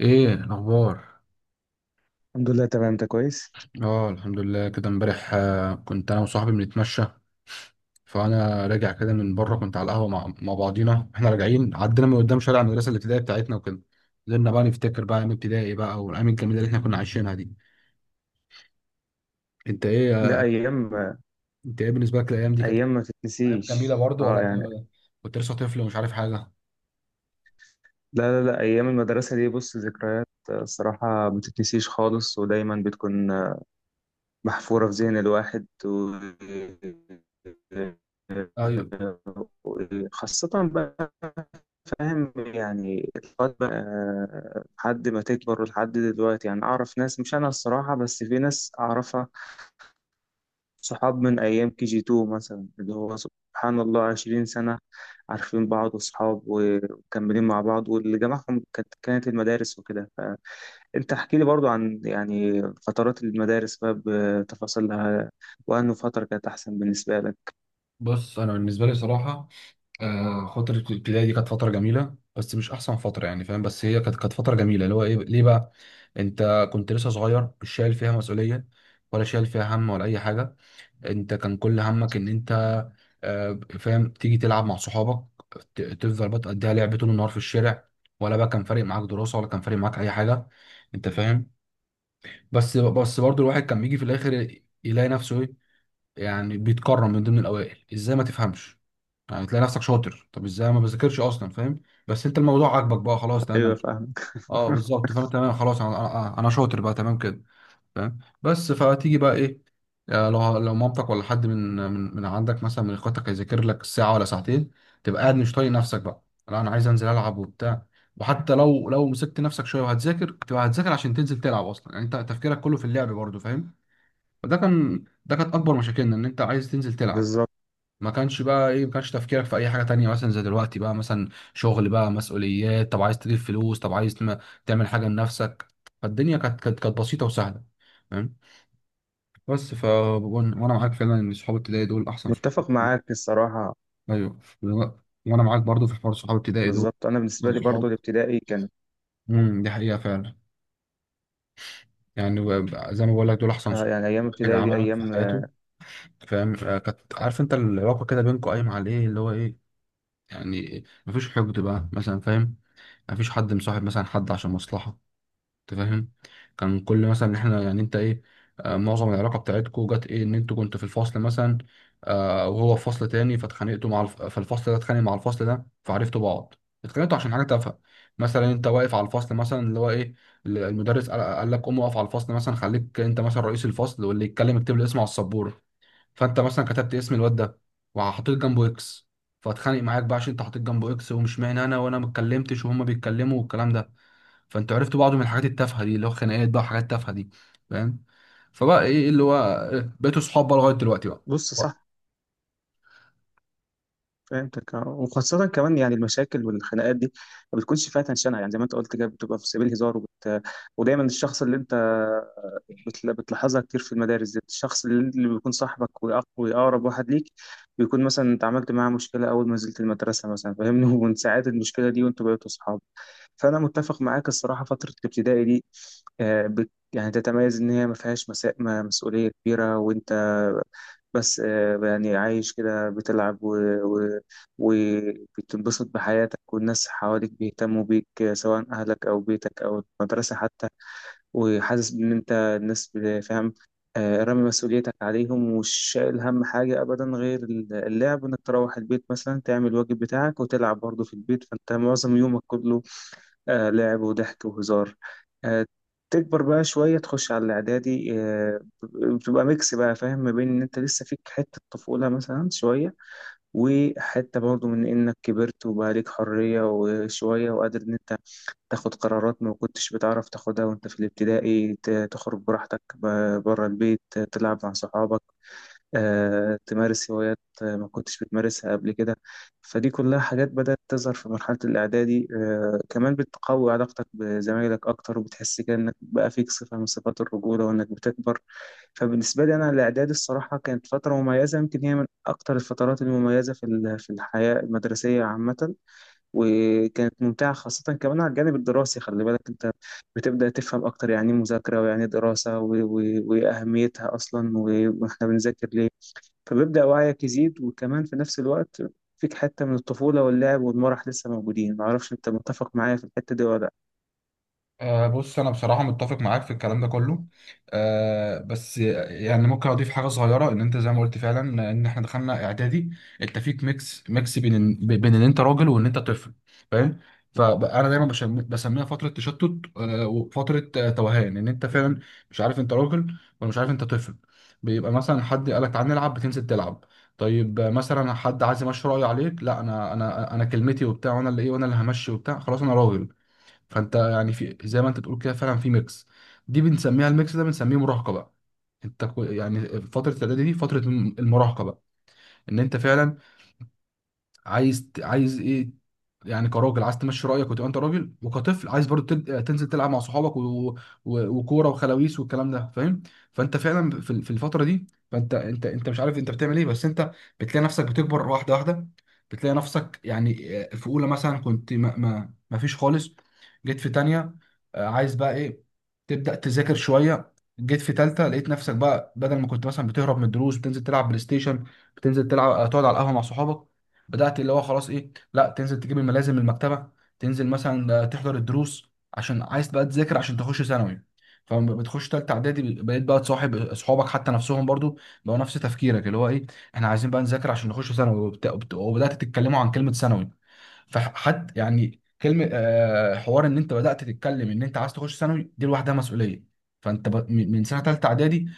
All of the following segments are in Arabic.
ايه الاخبار؟ الحمد لله تمام، انت كويس. اه، الحمد لله. كده امبارح كنت انا وصاحبي بنتمشى، فانا راجع كده من بره. كنت على القهوه مع بعضينا. احنا راجعين عدينا من قدام شارع المدرسه الابتدائيه بتاعتنا وكده، فضلنا بقى نفتكر بقى ايام ابتدائي بقى والايام الجميله اللي احنا كنا عايشينها دي. انت ايه؟ ده ايام، انت ايه بالنسبه لك الايام دي؟ كانت ايام ما ايام جميله تتنسيش. برضه ولا اه يعني. انت كنت لسه طفل ومش عارف حاجه؟ لا لا لا، ايام المدرسه دي، بص ذكريات، الصراحه ما تتنسيش خالص، ودايما بتكون محفوره في ذهن الواحد ايوه. خاصة بقى، فاهم يعني. الوقت بقى لحد ما تكبر لحد دلوقتي، يعني أعرف ناس، مش أنا الصراحة، بس في ناس أعرفها صحاب من أيام KG2 مثلا، اللي هو سبحان الله 20 سنة عارفين بعض وصحاب ومكملين مع بعض، واللي جمعهم كانت المدارس وكده. فأنت احكي لي برضو عن يعني فترات المدارس بقى، بتفاصيلها، وأنه فترة كانت أحسن بالنسبة لك. بص انا بالنسبه لي صراحه، فترة الابتدائي دي كانت فترة جميلة بس مش أحسن فترة، يعني فاهم؟ بس هي كانت فترة جميلة. اللي هو إيه؟ ليه بقى؟ أنت كنت لسه صغير، مش شايل فيها مسؤولية ولا شايل فيها هم ولا أي حاجة. أنت كان كل همك إن أنت فاهم، تيجي تلعب مع صحابك، تفضل بقى تقضيها لعب طول النهار في الشارع، ولا بقى كان فارق معاك دراسة ولا كان فارق معاك أي حاجة، أنت فاهم؟ بس برضه الواحد كان بيجي في الآخر يلاقي نفسه إيه؟ يعني بيتكرم من ضمن الأوائل. إزاي؟ ما تفهمش يعني. تلاقي نفسك شاطر. طب ازاي ما بذاكرش اصلا؟ فاهم؟ بس انت الموضوع عاجبك بقى، خلاص، تمام. أيوة، انا فاهمك. اه بالظبط، فانا تمام خلاص. انا شاطر بقى، تمام كده، فاهم؟ بس فتيجي بقى ايه؟ لو مامتك ولا حد من عندك مثلا، من اخواتك، هيذاكر لك ساعه ولا ساعتين، تبقى قاعد مش طايق نفسك بقى. لا، انا عايز انزل العب وبتاع. وحتى لو مسكت نفسك شويه وهتذاكر، تبقى هتذاكر عشان تنزل تلعب اصلا. يعني انت تفكيرك كله في اللعب برضه، فاهم؟ فده كان، ده كانت اكبر مشاكلنا، ان انت عايز تنزل تلعب. بالظبط. ما كانش بقى ايه، ما كانش تفكيرك في اي حاجه تانية، مثلا زي دلوقتي بقى، مثلا شغل بقى، مسؤوليات، طب عايز تجيب فلوس، طب عايز تعمل حاجه لنفسك. فالدنيا كانت بسيطه وسهله، فاهم؟ بس ف وأن- وانا معاك فعلا، ان صحاب ابتدائي دول احسن صحاب. متفق معاك الصراحة. ايوه و- وانا معاك برضو في حوار صحاب ابتدائي دول بالظبط، أنا بالنسبة احسن لي برضو صحاب. الابتدائي كانت امم، دي حقيقه فعلا. يعني و- زي ما بقول لك، دول احسن صحاب يعني أيام الواحد ابتدائي دي عملهم في أيام. حياته، فاهم؟ كانت، عارف انت، العلاقه كده بينكم قايمه على ايه؟ اللي هو ايه يعني؟ مفيش حقد بقى مثلا، فاهم؟ مفيش حد مصاحب مثلا حد عشان مصلحة، انت فاهم؟ كان كل مثلا احنا، يعني انت ايه، معظم العلاقة بتاعتكو جت ايه، ان انتوا كنتوا في الفصل مثلا، وهو في فصل تاني، فاتخانقتوا مع فالفصل ده اتخانق مع الفصل ده فعرفتوا بعض. اتخانقتوا عشان حاجة تافهة. مثلا انت واقف على الفصل مثلا، اللي هو ايه، المدرس قال لك قوم واقف على الفصل مثلا، خليك انت مثلا رئيس الفصل، واللي يتكلم اكتب له اسمه على السبورة. فانت مثلا كتبت اسم الواد ده وحطيت جنبه اكس، فاتخانق معاك بقى عشان انت حطيت جنبه اكس، ومش معنى انا، وانا ما اتكلمتش وهما بيتكلموا والكلام ده. فانت عرفت بعض من الحاجات التافهه دي، اللي هو خناقات بقى وحاجات تافهه دي، فاهم؟ فبقى ايه اللي هو إيه، بقيتوا صحاب بقى لغايه دلوقتي بقى. بص صح، فهمتك، اه. وخاصة كمان يعني المشاكل والخناقات دي ما بتكونش فيها تنشنة، يعني زي ما انت قلت كده، بتبقى في سبيل هزار ودايما الشخص اللي انت بتلاحظها كتير في المدارس دي، الشخص اللي بيكون صاحبك وأقرب واحد ليك، بيكون مثلا اتعاملت معاه مشكلة أول ما نزلت المدرسة مثلا، فاهمني. ومن ساعات المشكلة دي وانتوا بقيتوا صحاب. فأنا متفق معاك الصراحة، فترة الابتدائي دي يعني تتميز إن هي ما فيهاش مسا... ما- مسؤولية كبيرة، وأنت بس يعني عايش كده، بتلعب و... وبتنبسط بحياتك، والناس حواليك بيهتموا بيك، سواء أهلك أو بيتك أو المدرسة حتى. وحاسس إن أنت الناس فاهم، رامي مسؤوليتك عليهم، ومش شايل هم حاجة أبدا غير اللعب، إنك تروح البيت مثلا تعمل الواجب بتاعك وتلعب برضه في البيت. فأنت معظم يومك كله لعب وضحك وهزار. آه تكبر بقى شوية، تخش على الإعدادي، بتبقى ميكس بقى، فاهم، ما بين إن أنت لسه فيك حتة طفولة مثلا شوية، وحتة برضه من إنك كبرت وبقى ليك حرية وشوية، وقادر إن أنت تاخد قرارات ما كنتش بتعرف تاخدها وأنت في الابتدائي. تخرج براحتك بره البيت، تلعب مع صحابك، تمارس هوايات ما كنتش بتمارسها قبل كده. فدي كلها حاجات بدأت تظهر في مرحلة الإعدادي. كمان بتقوي علاقتك بزمايلك أكتر، وبتحس كده إنك بقى فيك صفة من صفات الرجولة، وإنك بتكبر. فبالنسبة لي أنا الإعدادي الصراحة كانت فترة مميزة، يمكن هي من أكتر الفترات المميزة في في الحياة المدرسية عامة، وكانت ممتعة خاصة كمان على الجانب الدراسي. خلي بالك، أنت بتبدأ تفهم أكتر يعني إيه مذاكرة، ويعني إيه دراسة وأهميتها أصلا، وإحنا بنذاكر ليه. فبيبدأ وعيك يزيد، وكمان في نفس الوقت فيك حتة من الطفولة واللعب والمرح لسه موجودين. معرفش أنت متفق معايا في الحتة دي ولا لأ. أه بص، انا بصراحه متفق معاك في الكلام ده كله. أه بس يعني ممكن اضيف حاجه صغيره، ان انت زي ما قلت فعلا، ان احنا دخلنا اعدادي، انت فيك ميكس بين بين ان انت راجل وان انت طفل، فاهم؟ فانا دايما بسميها فتره تشتت، أه، وفتره توهان، ان انت فعلا مش عارف انت راجل ولا مش عارف انت طفل. بيبقى مثلا حد قالك تعال نلعب، بتنزل تلعب. طيب مثلا حد عايز يمشي رايه عليك، لا، انا كلمتي وبتاع، وانا اللي ايه، وانا اللي همشي وبتاع، خلاص انا راجل. فانت يعني، في زي ما انت بتقول كده فعلا، في ميكس. دي بنسميها، الميكس ده بنسميه مراهقه بقى. انت يعني فتره الاعدادي دي فتره المراهقه بقى، ان انت فعلا عايز ايه؟ يعني كراجل عايز تمشي رايك وتبقى انت راجل، وكطفل عايز برضه تنزل تلعب مع صحابك و... و... وكوره وخلاويص والكلام ده، فاهم؟ فانت فعلا في في الفتره دي، فانت انت مش عارف انت بتعمل ايه، بس انت بتلاقي نفسك بتكبر واحده واحده. بتلاقي نفسك يعني في اولى مثلا كنت ما فيش خالص. جيت في تانية، عايز بقى ايه، تبدا تذاكر شويه. جيت في تالتة، لقيت نفسك بقى بدل ما كنت مثلا بتهرب من الدروس بتنزل تلعب بلاي ستيشن، بتنزل تلعب، تقعد على القهوه مع صحابك، بدات اللي هو خلاص ايه، لا تنزل تجيب الملازم من المكتبه، تنزل مثلا تحضر الدروس عشان عايز بقى تذاكر عشان تخش ثانوي. فلما بتخش تالتة اعدادي، بقيت بقى تصاحب اصحابك حتى، نفسهم برضو بقوا نفس تفكيرك، اللي هو ايه، احنا عايزين بقى نذاكر عشان نخش ثانوي. وبدات تتكلموا عن كلمه ثانوي. فحد يعني كلمه، حوار ان انت بدات تتكلم ان انت عايز تخش ثانوي، دي لوحدها مسؤوليه. فانت ب... من من سنه ثالثه اعدادي،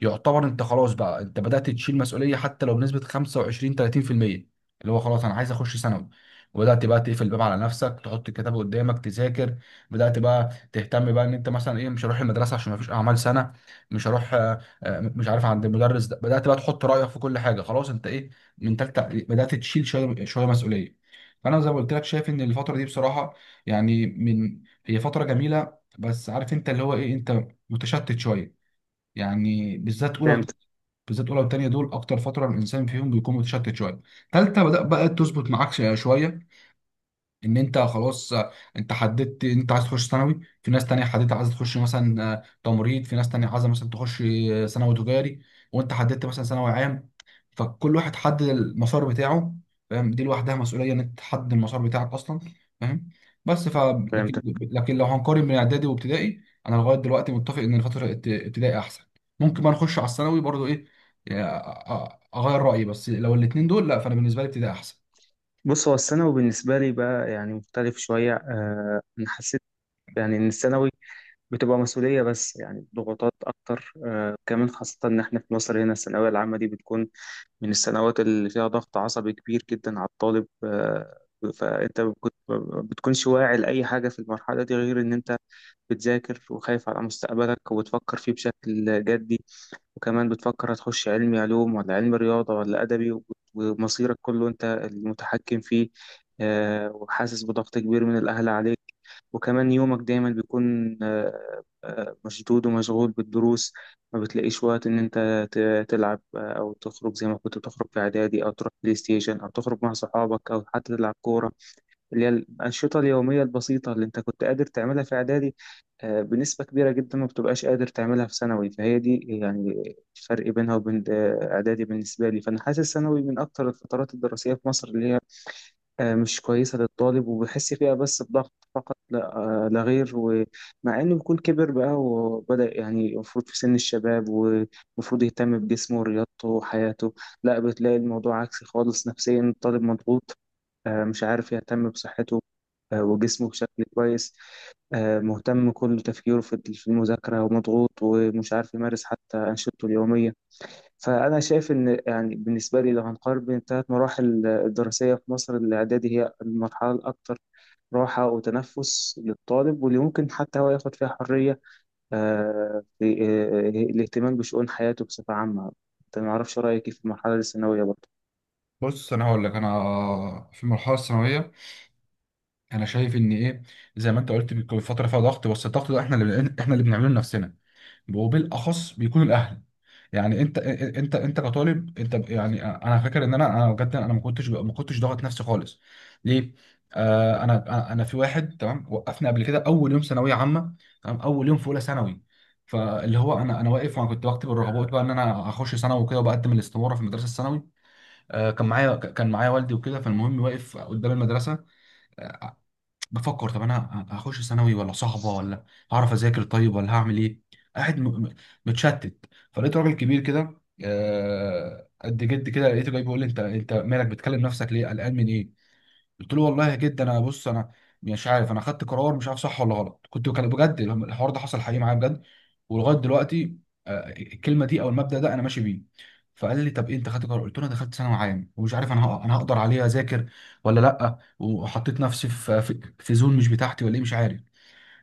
يعتبر انت خلاص بقى، انت بدات تشيل مسؤوليه، حتى لو بنسبه 25 30%، اللي هو خلاص انا عايز اخش ثانوي. وبدات بقى تقفل الباب على نفسك، تحط الكتاب قدامك تذاكر. بدات بقى تهتم بقى ان انت مثلا ايه، مش هروح المدرسه عشان ما فيش اعمال سنه، مش هروح مش عارف عند المدرس ده. بدات بقى تحط رايك في كل حاجه، خلاص انت ايه، من ثالثه، بدات تشيل شويه شويه مسؤوليه. فانا زي ما قلت لك، شايف ان الفتره دي بصراحه، يعني من هي فتره جميله، بس عارف انت اللي هو ايه، انت متشتت شويه، يعني بالذات اولى فهمتك بالذات اولى والتانيه، دول اكتر فتره الانسان فيهم بيكون متشتت شويه. تالته بدا بقى تظبط معاك شويه، ان انت خلاص انت حددت انت عايز تخش ثانوي، في ناس تانية حددت عايزه تخش مثلا تمريض، في ناس تانية عايزه مثلا تخش ثانوي تجاري، وانت حددت مثلا ثانوي عام. فكل واحد حدد المسار بتاعه، فاهم؟ دي لوحدها مسؤوليه، ان انت تحدد المسار بتاعك اصلا، فاهم؟ بس ف لكن فهمتك. لو هنقارن بين اعدادي وابتدائي، انا لغايه دلوقتي متفق ان فتره ابتدائي احسن. ممكن بقى نخش على الثانوي برضو ايه يعني، اغير رايي، بس لو الاثنين دول، لا، فانا بالنسبه لي ابتدائي احسن. بص، هو الثانوي بالنسبة لي بقى يعني مختلف شوية. أنا حسيت يعني إن الثانوي بتبقى مسؤولية، بس يعني ضغوطات أكتر. كمان خاصة إن إحنا في مصر هنا، الثانوية العامة دي بتكون من السنوات اللي فيها ضغط عصبي كبير جدا على الطالب. فأنت ما بتكونش واعي لأي حاجة في المرحلة دي غير إن أنت بتذاكر، وخايف على مستقبلك وبتفكر فيه بشكل جدي. وكمان بتفكر، هتخش علمي علوم ولا علمي رياضة ولا أدبي، ومصيرك كله أنت المتحكم فيه. وحاسس بضغط كبير من الأهل عليك، وكمان يومك دايما بيكون مشدود ومشغول بالدروس. ما بتلاقيش وقت إن أنت تلعب أو تخرج زي ما كنت بتخرج في إعدادي، أو تروح بلاي ستيشن، أو تخرج مع صحابك، أو حتى تلعب كورة، اللي هي الأنشطة اليومية البسيطة اللي أنت كنت قادر تعملها في إعدادي. بنسبة كبيرة جدا ما بتبقاش قادر تعملها في ثانوي. فهي دي يعني الفرق بينها وبين إعدادي بالنسبة لي. فأنا حاسس ثانوي من أكتر الفترات الدراسية في مصر اللي هي مش كويسة للطالب، وبحس فيها بس بضغط فقط، لا لا غير. ومع إنه بيكون كبر بقى وبدأ، يعني المفروض في سن الشباب، ومفروض يهتم بجسمه ورياضته وحياته، لا، بتلاقي الموضوع عكسي خالص. نفسيا الطالب مضغوط، مش عارف يهتم بصحته وجسمه بشكل كويس، مهتم، كل تفكيره في المذاكرة، ومضغوط، ومش عارف يمارس حتى أنشطته اليومية. فأنا شايف إن يعني بالنسبة لي، لو هنقارن بين الثلاث مراحل الدراسية في مصر، الإعدادي هي المرحلة الأكثر راحة وتنفس للطالب، واللي ممكن حتى هو ياخد فيها حرية في الاهتمام بشؤون حياته بصفة عامة. أنت ما أعرفش رأيك إيه في المرحلة الثانوية برضه؟ بص انا هقول لك، انا في المرحله الثانويه انا شايف ان ايه، زي ما انت قلت، بيكون فتره فيها ضغط، بس الضغط ده احنا اللي، احنا اللي بنعمله لنفسنا، وبالاخص بيكونوا الاهل. يعني انت كطالب انت يعني انا فاكر ان انا بجد، انا ما كنتش ضاغط نفسي خالص، ليه؟ آه، انا في واحد تمام، وقفني قبل كده اول يوم ثانويه عامه، تمام، اول يوم في اولى ثانوي. فاللي هو انا واقف، وانا كنت بكتب الرغبات بقى ان انا هخش ثانوي وكده، وبقدم الاستماره في المدرسه الثانوي. آه، كان معايا كان معايا والدي وكده. فالمهم واقف قدام المدرسه، بفكر طب انا هخش ثانوي ولا صحبه، ولا هعرف اذاكر طيب، ولا هعمل ايه. قاعد متشتت. فلقيت راجل كبير كده، قد جد كده، لقيته جاي بيقول لي، انت انت مالك بتكلم نفسك ليه، قلقان من ايه؟ قلت له والله جدا، انا، بص انا مش عارف، انا خدت قرار مش عارف صح ولا غلط. كنت، كان بجد الحوار ده حصل حقيقي معايا بجد، ولغايه دلوقتي الكلمه دي او المبدا ده انا ماشي بيه. فقال لي طب ايه انت خدت قرار؟ قلت له انا دخلت ثانوي عام ومش عارف انا انا هقدر عليها اذاكر ولا لا، وحطيت نفسي في في زون مش بتاعتي ولا ايه، مش عارف.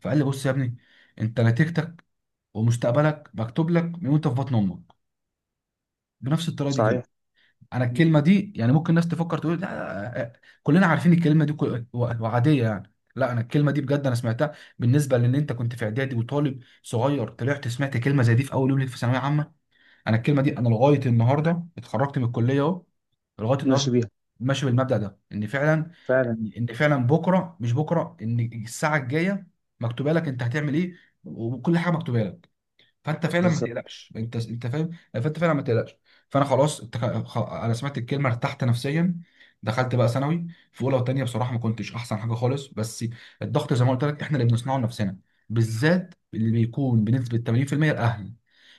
فقال لي بص يا ابني، انت نتيجتك ومستقبلك مكتوب لك من وانت في بطن امك، بنفس الطريقه دي كده. صحيح. انا الكلمه دي، يعني ممكن الناس تفكر تقول لا، آه، آه، كلنا عارفين الكلمه دي وعاديه يعني، لا، انا الكلمه دي بجد انا سمعتها بالنسبه لان انت كنت في اعدادي وطالب صغير، طلعت سمعت كلمه زي دي في اول يوم ليك في ثانويه عامه. انا الكلمه دي انا لغايه النهارده، اتخرجت من الكليه اهو لغايه ماشي النهارده بيها. ماشي بالمبدا ده، ان فعلا فعلا. ان فعلا بكره، مش بكره، ان الساعه الجايه مكتوبه لك انت هتعمل ايه، وكل حاجه مكتوبه لك. فانت فعلا ما بالظبط. تقلقش، انت فاهم، فانت فعلا ما تقلقش. فانا خلاص، انت، انا سمعت الكلمه، ارتحت نفسيا، دخلت بقى ثانوي. في اولى وثانيه بصراحه ما كنتش احسن حاجه خالص، بس الضغط زي ما قلت لك احنا اللي بنصنعه لنفسنا، بالذات اللي بيكون بنسبه 80% الاهل.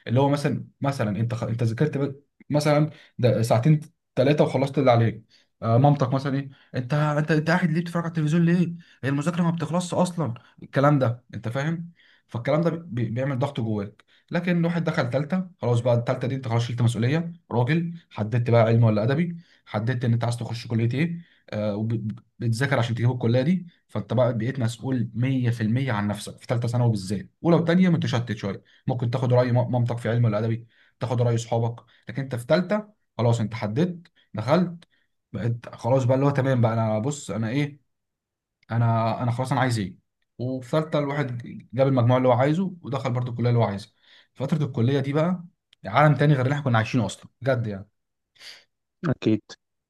اللي هو مثلا، انت انت ذاكرت مثلا ده ساعتين ثلاثه، وخلصت اللي عليك، مامتك مثلا ايه، انت قاعد ليه بتتفرج على التلفزيون ليه، هي المذاكره ما بتخلصش اصلا؟ الكلام ده، انت فاهم؟ فالكلام ده بيعمل ضغط جواك. لكن واحد دخل تالتة، خلاص بقى، التالتة دي انت خلاص شلت مسؤولية راجل، حددت بقى علم ولا أدبي، حددت ان انت عايز تخش كلية ايه، آه، وبتذاكر عشان تجيب الكلية دي. فانت بقى بقيت مسؤول 100% عن نفسك في تالتة ثانوي. بالذات أولى وتانية متشتت شوية، ممكن تاخد رأي مامتك في علم ولا أدبي، تاخد رأي صحابك، لكن انت في تالتة خلاص انت حددت، دخلت، بقيت خلاص بقى اللي هو تمام بقى. انا بص انا ايه، انا خلاص انا عايز ايه. وفي ثالثه الواحد جاب المجموع اللي هو عايزه، ودخل برضه الكليه اللي هو عايزها. فتره الكليه دي بقى عالم تاني غير اللي احنا كنا عايشينه اصلا، بجد يعني، أكيد.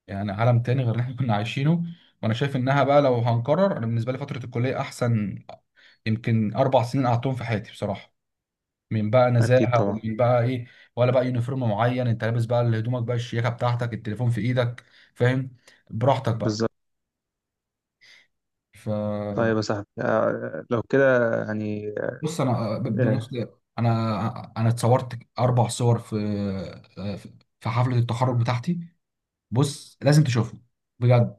يعني عالم تاني غير اللي احنا كنا عايشينه. وانا شايف انها بقى، لو هنكرر، انا بالنسبه لي فتره الكليه احسن يمكن 4 سنين قعدتهم في حياتي، بصراحه، من بقى أكيد نزاهه، طبعا. ومن بقى ايه، ولا بقى يونيفورم معين انت لابس بقى، اللي هدومك بقى، الشياكه بتاعتك، التليفون في ايدك، فاهم؟ براحتك بقى. بالظبط. ف طيب يا صاحبي، لو كده يعني، بص انا آه، بالمناسبه انا اتصورت 4 صور في في في حفله التخرج بتاعتي. بص لازم تشوفهم بجد.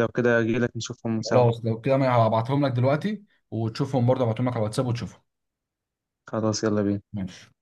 لو كده أجيلك نشوفهم سوا. خلاص لو كده ما هبعتهم لك دلوقتي، وتشوفهم برضه، هبعتهم لك على الواتساب وتشوفهم. خلاص، يلا بينا. ماشي.